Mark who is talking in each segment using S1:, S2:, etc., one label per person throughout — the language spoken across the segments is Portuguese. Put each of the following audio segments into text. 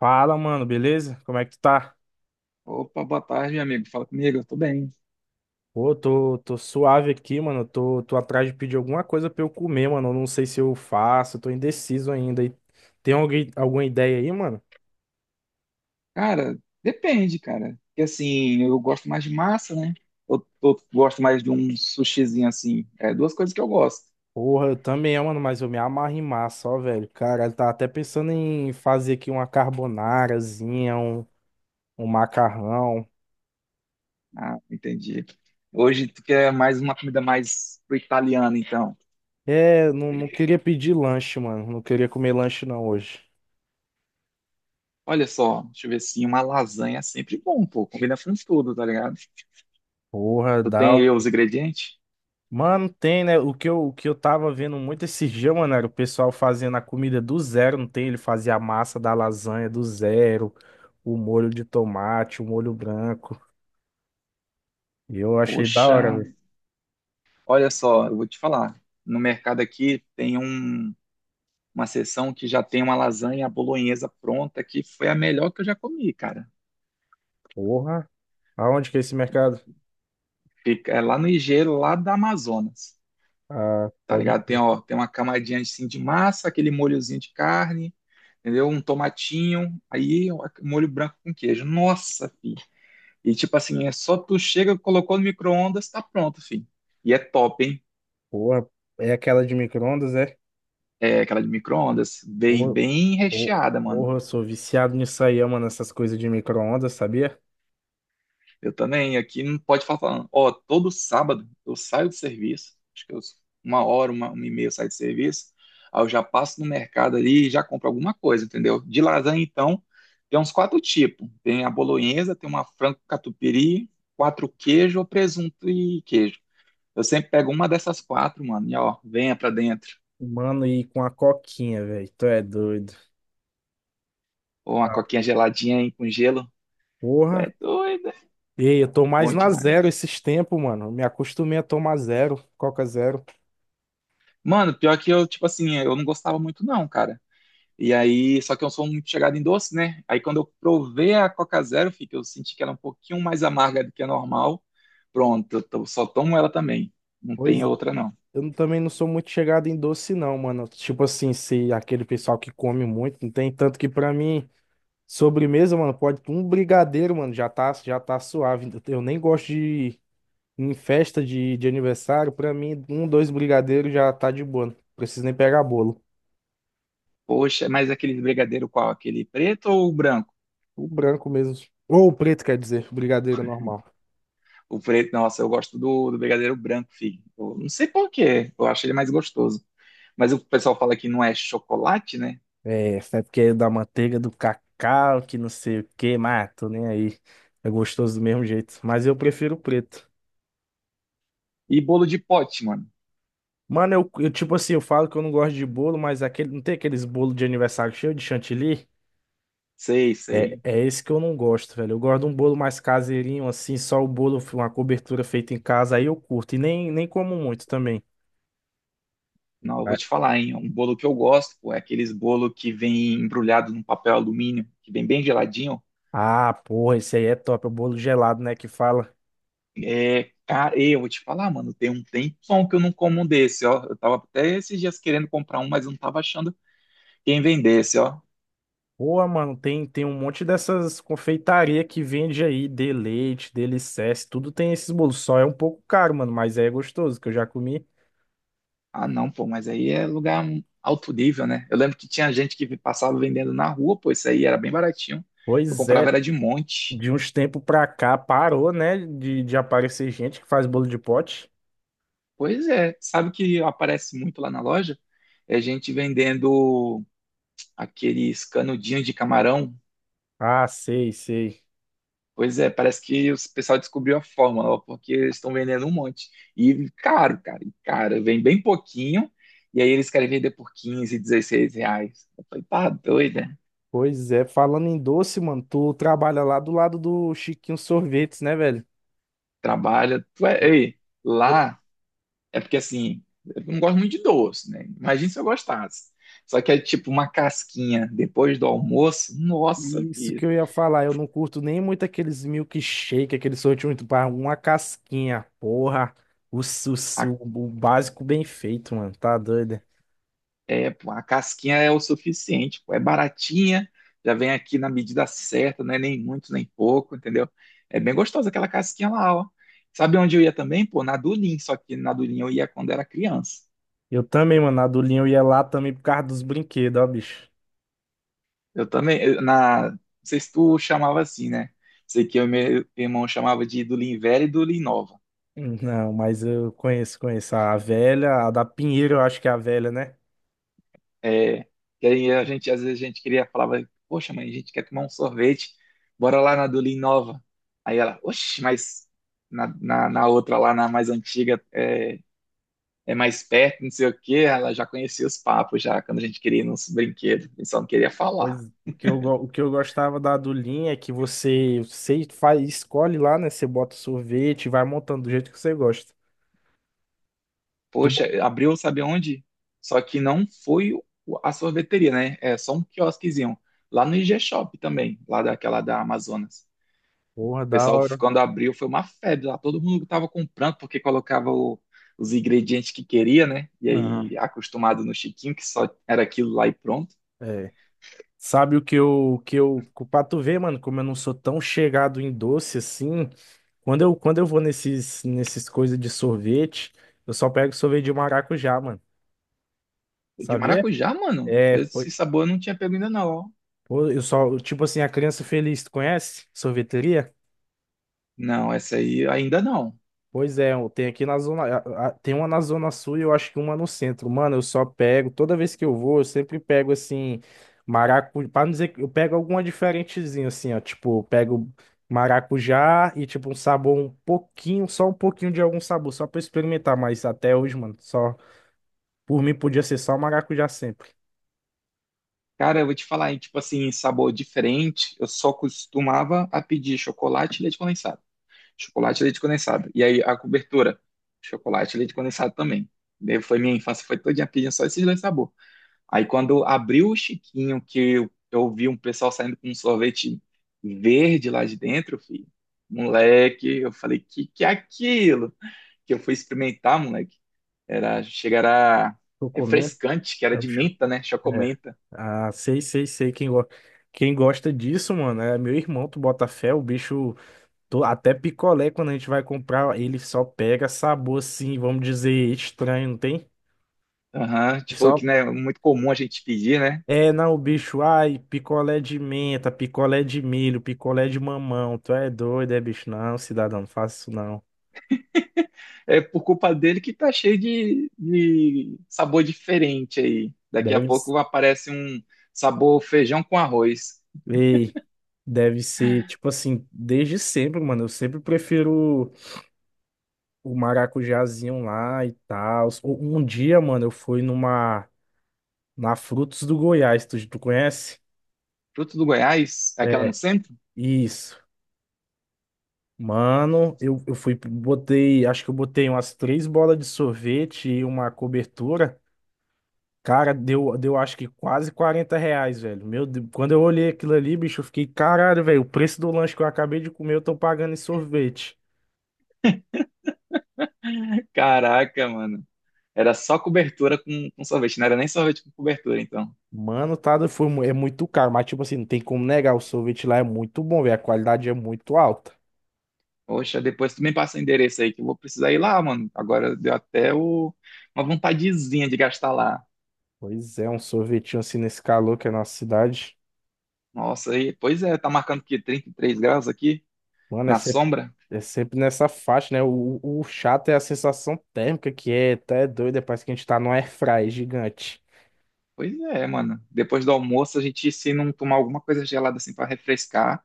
S1: Fala, mano, beleza? Como é que tu tá?
S2: Opa, boa tarde, meu amigo. Fala comigo, eu tô bem.
S1: Pô, tô suave aqui, mano. Tô atrás de pedir alguma coisa pra eu comer, mano. Eu não sei se eu faço, tô indeciso ainda. E tem alguém, alguma ideia aí, mano?
S2: Cara, depende, cara. Porque assim, eu gosto mais de massa, né? Eu gosto mais de um sushizinho assim. É duas coisas que eu gosto.
S1: Porra, eu também, mano, mas eu me amarro em massa, ó, velho. Cara, eu tava até pensando em fazer aqui uma carbonarazinha, um macarrão.
S2: Ah, entendi. Hoje tu quer mais uma comida mais pro italiano, então.
S1: É, não queria pedir lanche, mano. Não queria comer lanche não hoje.
S2: Olha só, deixa eu ver assim, uma lasanha é sempre bom, pô. Combina com tudo, tá ligado?
S1: Porra,
S2: Tu tem
S1: dá.
S2: aí os ingredientes?
S1: Mano, tem, né? O que eu tava vendo muito esses dias, mano, era o pessoal fazendo a comida do zero, não tem? Ele fazia a massa da lasanha do zero, o molho de tomate, o molho branco. E eu achei da
S2: Poxa,
S1: hora, velho.
S2: olha só, eu vou te falar. No mercado aqui tem um. Uma sessão que já tem uma lasanha bolonhesa pronta, que foi a melhor que eu já comi, cara.
S1: Porra, aonde que é esse mercado?
S2: Fica, é lá no Ligeiro, lá da Amazonas,
S1: Ah,
S2: tá
S1: pode
S2: ligado? Tem,
S1: crer.
S2: ó, tem uma camadinha assim de massa, aquele molhozinho de carne, entendeu? Um tomatinho, aí ó, molho branco com queijo. Nossa, filho. E tipo assim, é só tu chega, colocou no micro-ondas, tá pronto, filho. E é top, hein?
S1: Porra, é aquela de micro-ondas, é?
S2: É aquela de micro-ondas, bem,
S1: Porra,
S2: bem
S1: por-
S2: recheada, mano.
S1: porra, eu sou viciado nisso aí, mano, essas coisas de micro-ondas, sabia?
S2: Eu também, aqui não pode faltar. Não. Ó, todo sábado eu saio do serviço, acho que eu, uma hora, uma e meia eu saio do serviço, aí eu já passo no mercado ali e já compro alguma coisa, entendeu? De lasanha, então, tem uns quatro tipos. Tem a bolonhesa, tem uma frango catupiry, quatro queijo, presunto e queijo. Eu sempre pego uma dessas quatro, mano, e ó, venha pra dentro.
S1: Mano, e com a coquinha, velho, tu é doido.
S2: Ou uma coquinha geladinha aí com gelo. Tu
S1: Porra.
S2: é doido, é
S1: Ei, eu tô mais
S2: bom
S1: na zero
S2: demais.
S1: esses tempos, mano. Me acostumei a tomar zero, Coca zero.
S2: Mano, pior que eu, tipo assim, eu não gostava muito não, cara. E aí, só que eu sou muito chegado em doce, né? Aí quando eu provei a Coca Zero, fica, eu senti que era um pouquinho mais amarga do que a normal. Pronto, só tomo ela também. Não
S1: Pois
S2: tem outra, não.
S1: eu não- também não sou muito chegado em doce, não, mano. Tipo assim, se aquele pessoal que come muito, não tem tanto que pra mim, sobremesa, mano, pode um brigadeiro, mano, já tá suave. Eu nem gosto de em festa de aniversário, pra mim, um, dois brigadeiros já tá de boa. Não preciso nem pegar bolo.
S2: Poxa, mas aquele brigadeiro qual? Aquele preto ou o branco?
S1: O branco mesmo. Ou o preto, quer dizer, brigadeiro normal.
S2: O preto, nossa, eu gosto do brigadeiro branco, filho. Eu não sei por quê, eu acho ele mais gostoso. Mas o pessoal fala que não é chocolate, né?
S1: É, sempre querendo da manteiga, do cacau, que não sei o que, mas ah, tô nem aí. É gostoso do mesmo jeito. Mas eu prefiro o preto.
S2: E bolo de pote, mano.
S1: Mano, tipo assim, eu falo que eu não gosto de bolo, mas aquele, não tem aqueles bolos de aniversário cheio de chantilly?
S2: Sei,
S1: É,
S2: sei.
S1: é esse que eu não gosto, velho. Eu gosto de um bolo mais caseirinho, assim, só o bolo, uma cobertura feita em casa, aí eu curto. E nem como muito também.
S2: Não, eu vou te
S1: Mas-
S2: falar, hein? Um bolo que eu gosto, pô, é aqueles bolo que vem embrulhado num papel alumínio, que vem bem geladinho.
S1: Ah, porra, esse aí é top, é o bolo gelado, né, que fala.
S2: É, cara, e eu vou te falar, mano, tem um tempão que eu não como um desse, ó. Eu tava até esses dias querendo comprar um, mas eu não tava achando quem vendesse, ó.
S1: Boa, mano, tem um monte dessas confeitaria que vende aí, de leite, delicesse, tudo tem esses bolos. Só é um pouco caro, mano, mas é gostoso, que eu já comi.
S2: Ah, não, pô, mas aí é lugar alto nível, né? Eu lembro que tinha gente que passava vendendo na rua, pô, isso aí era bem baratinho. Eu
S1: Pois é,
S2: comprava era de monte.
S1: de uns tempos pra cá parou, né, de aparecer gente que faz bolo de pote.
S2: Pois é, sabe o que aparece muito lá na loja? É gente vendendo aqueles canudinhos de camarão.
S1: Ah, sei, sei.
S2: Pois é, parece que o pessoal descobriu a fórmula, ó, porque eles estão vendendo um monte. E caro, cara, e cara, vem bem pouquinho, e aí eles querem vender por 15, R$ 16. Eu falei, tá doido, né?
S1: Pois é, falando em doce, mano, tu trabalha lá do lado do Chiquinho Sorvetes, né, velho?
S2: Trabalha. Tu é... Ei, lá é porque assim, eu não gosto muito de doce, né? Imagina se eu gostasse. Só que é tipo uma casquinha depois do almoço, nossa,
S1: Isso que
S2: filho,
S1: eu ia falar, eu não curto nem muito aqueles milkshake, aqueles sorvete muito para uma casquinha, porra. O,
S2: a
S1: o básico bem feito, mano, tá doido?
S2: é, pô, a casquinha é o suficiente, pô, é baratinha, já vem aqui na medida certa, não é nem muito nem pouco, entendeu? É bem gostosa aquela casquinha lá, ó. Sabe onde eu ia também? Pô, na Dulim, só que na Dulim eu ia quando era criança.
S1: Eu também, mano, a do Linho eu ia lá também por causa dos brinquedos, ó, bicho.
S2: Eu também, na, não sei se tu chamava assim, né? Sei que eu e meu irmão chamava de Dulim velha e Dulim nova.
S1: Não, mas eu conheço, conheço a velha, a da Pinheiro, eu acho que é a velha, né?
S2: É, que aí a gente, às vezes a gente queria, falava, poxa, mãe, a gente quer tomar um sorvete, bora lá na do Lean Nova. Aí ela, oxe, mas na outra lá, na mais antiga, é, é mais perto, não sei o quê, ela já conhecia os papos já, quando a gente queria ir nos brinquedos, a gente só não queria
S1: Pois
S2: falar.
S1: o que eu gostava da do é que você, você faz, escolhe lá, né? Você bota o sorvete, e vai montando do jeito que você gosta. Tu,
S2: Poxa, abriu, sabe onde? Só que não foi o- A sorveteria, né? É só um quiosquezinho, lá no IG Shop também, lá daquela da Amazonas. O
S1: porra, da
S2: pessoal,
S1: hora.
S2: quando abriu, foi uma febre lá. Todo mundo estava comprando porque colocava os ingredientes que queria, né? E
S1: Aham.
S2: aí, acostumado no chiquinho, que só era aquilo lá e pronto.
S1: É. Sabe que eu, pra tu ver, mano, como eu não sou tão chegado em doce assim, quando eu vou nesses coisas de sorvete, eu só pego sorvete de maracujá, mano,
S2: O De
S1: sabia?
S2: maracujá, mano,
S1: É,
S2: esse sabor eu não tinha pego ainda não, ó.
S1: pô, eu só, tipo assim, a Criança Feliz, tu conhece? Sorveteria?
S2: Não, essa aí ainda não.
S1: Pois é, tem aqui na zona, tem uma na zona sul e eu acho que uma no centro. Mano, eu só pego, toda vez que eu vou, eu sempre pego assim maracujá, para não dizer que eu pego alguma diferentezinha assim, ó, tipo, eu pego maracujá e tipo um sabor um pouquinho, só um pouquinho de algum sabor, só pra eu experimentar, mas até hoje, mano, só por mim podia ser só maracujá sempre.
S2: Cara, eu vou te falar, hein, tipo assim, sabor diferente, eu só costumava a pedir chocolate e leite condensado. Chocolate e leite condensado. E aí, a cobertura, chocolate e leite condensado também. Daí foi minha infância, foi todinha pedindo só esses dois sabores. Aí quando abriu o Chiquinho, que eu vi um pessoal saindo com um sorvete verde lá de dentro, filho. Moleque, eu falei, que é aquilo? Que eu fui experimentar, moleque. Era, chegará
S1: Tô comendo,
S2: refrescante, que era
S1: é, o
S2: de
S1: bicho,
S2: menta, né?
S1: é.
S2: Chocomenta.
S1: Ah, sei, sei, sei quem gosta. Quem gosta disso, mano, é meu irmão, tu bota fé, o bicho. Até picolé, quando a gente vai comprar, ele só pega sabor assim, vamos dizer, estranho, não tem?
S2: Aham, tipo, que
S1: Só
S2: não é muito comum a gente pedir, né?
S1: é, não, o bicho, ai, picolé de menta, picolé de milho, picolé de mamão. Tu é doido, é, bicho? Não, cidadão, não faça isso não.
S2: É por culpa dele que tá cheio de sabor diferente aí. Daqui a
S1: Deve, s-
S2: pouco aparece um sabor feijão com arroz.
S1: ei, deve ser, tipo assim, desde sempre, mano. Eu sempre prefiro o maracujazinho lá e tal. Um dia, mano, na Frutos do Goiás, tu conhece?
S2: Fruto do Goiás, é aquela no
S1: É,
S2: centro?
S1: isso. Mano, eu fui, botei, acho que eu botei umas três bolas de sorvete e uma cobertura. Cara, deu acho que quase R$ 40, velho. Meu Deus, quando eu olhei aquilo ali, bicho, eu fiquei, caralho, velho, o preço do lanche que eu acabei de comer, eu tô pagando em sorvete.
S2: Caraca, mano. Era só cobertura com sorvete, não era nem sorvete com cobertura, então.
S1: Mano, tá, é muito caro, mas tipo assim, não tem como negar, o sorvete lá é muito bom, velho, a qualidade é muito alta.
S2: Poxa, depois tu me passa o endereço aí que eu vou precisar ir lá, mano. Agora deu até uma vontadezinha de gastar lá.
S1: Pois é, um sorvetinho assim nesse calor que é a nossa cidade.
S2: Nossa, aí, pois é, tá marcando que 33 graus aqui
S1: Mano, é
S2: na
S1: sempre,
S2: sombra?
S1: é sempre nessa faixa, né? O chato é a sensação térmica, que é até doida, parece que a gente tá num airfry gigante.
S2: Pois é, mano. Depois do almoço a gente se não tomar alguma coisa gelada assim pra refrescar.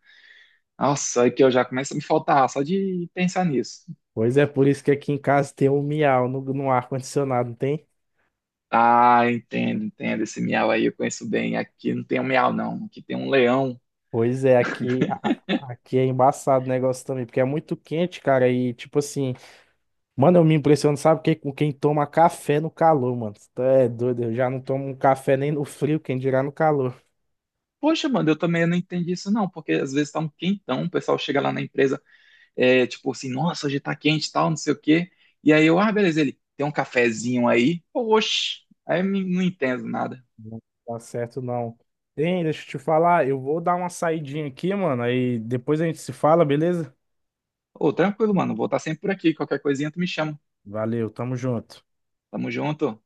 S2: Nossa, aí que eu já começo a me faltar ar só de pensar nisso.
S1: Pois é, por isso que aqui em casa tem um miau no ar-condicionado, não tem?
S2: Ah, entendo, entendo. Esse miau aí eu conheço bem. Aqui não tem um miau, não. Aqui tem um leão.
S1: Pois é, aqui, aqui é embaçado o negócio também, porque é muito quente, cara, e tipo assim, mano, eu me impressiono, sabe, que, com quem toma café no calor, mano. Tu é doido, eu já não tomo um café nem no frio, quem dirá no calor.
S2: Poxa, mano, eu também não entendi isso não, porque às vezes tá um quentão, o pessoal chega lá na empresa, é, tipo assim, nossa, hoje tá quente e tal, não sei o quê. E aí eu, ah, beleza, ele, tem um cafezinho aí? Oxe, aí não entendo nada.
S1: Não tá certo, não. Hein, deixa eu te falar, eu vou dar uma saidinha aqui, mano. Aí depois a gente se fala, beleza?
S2: Ô, tranquilo, mano, vou estar sempre por aqui, qualquer coisinha tu me chama.
S1: Valeu, tamo junto.
S2: Tamo junto.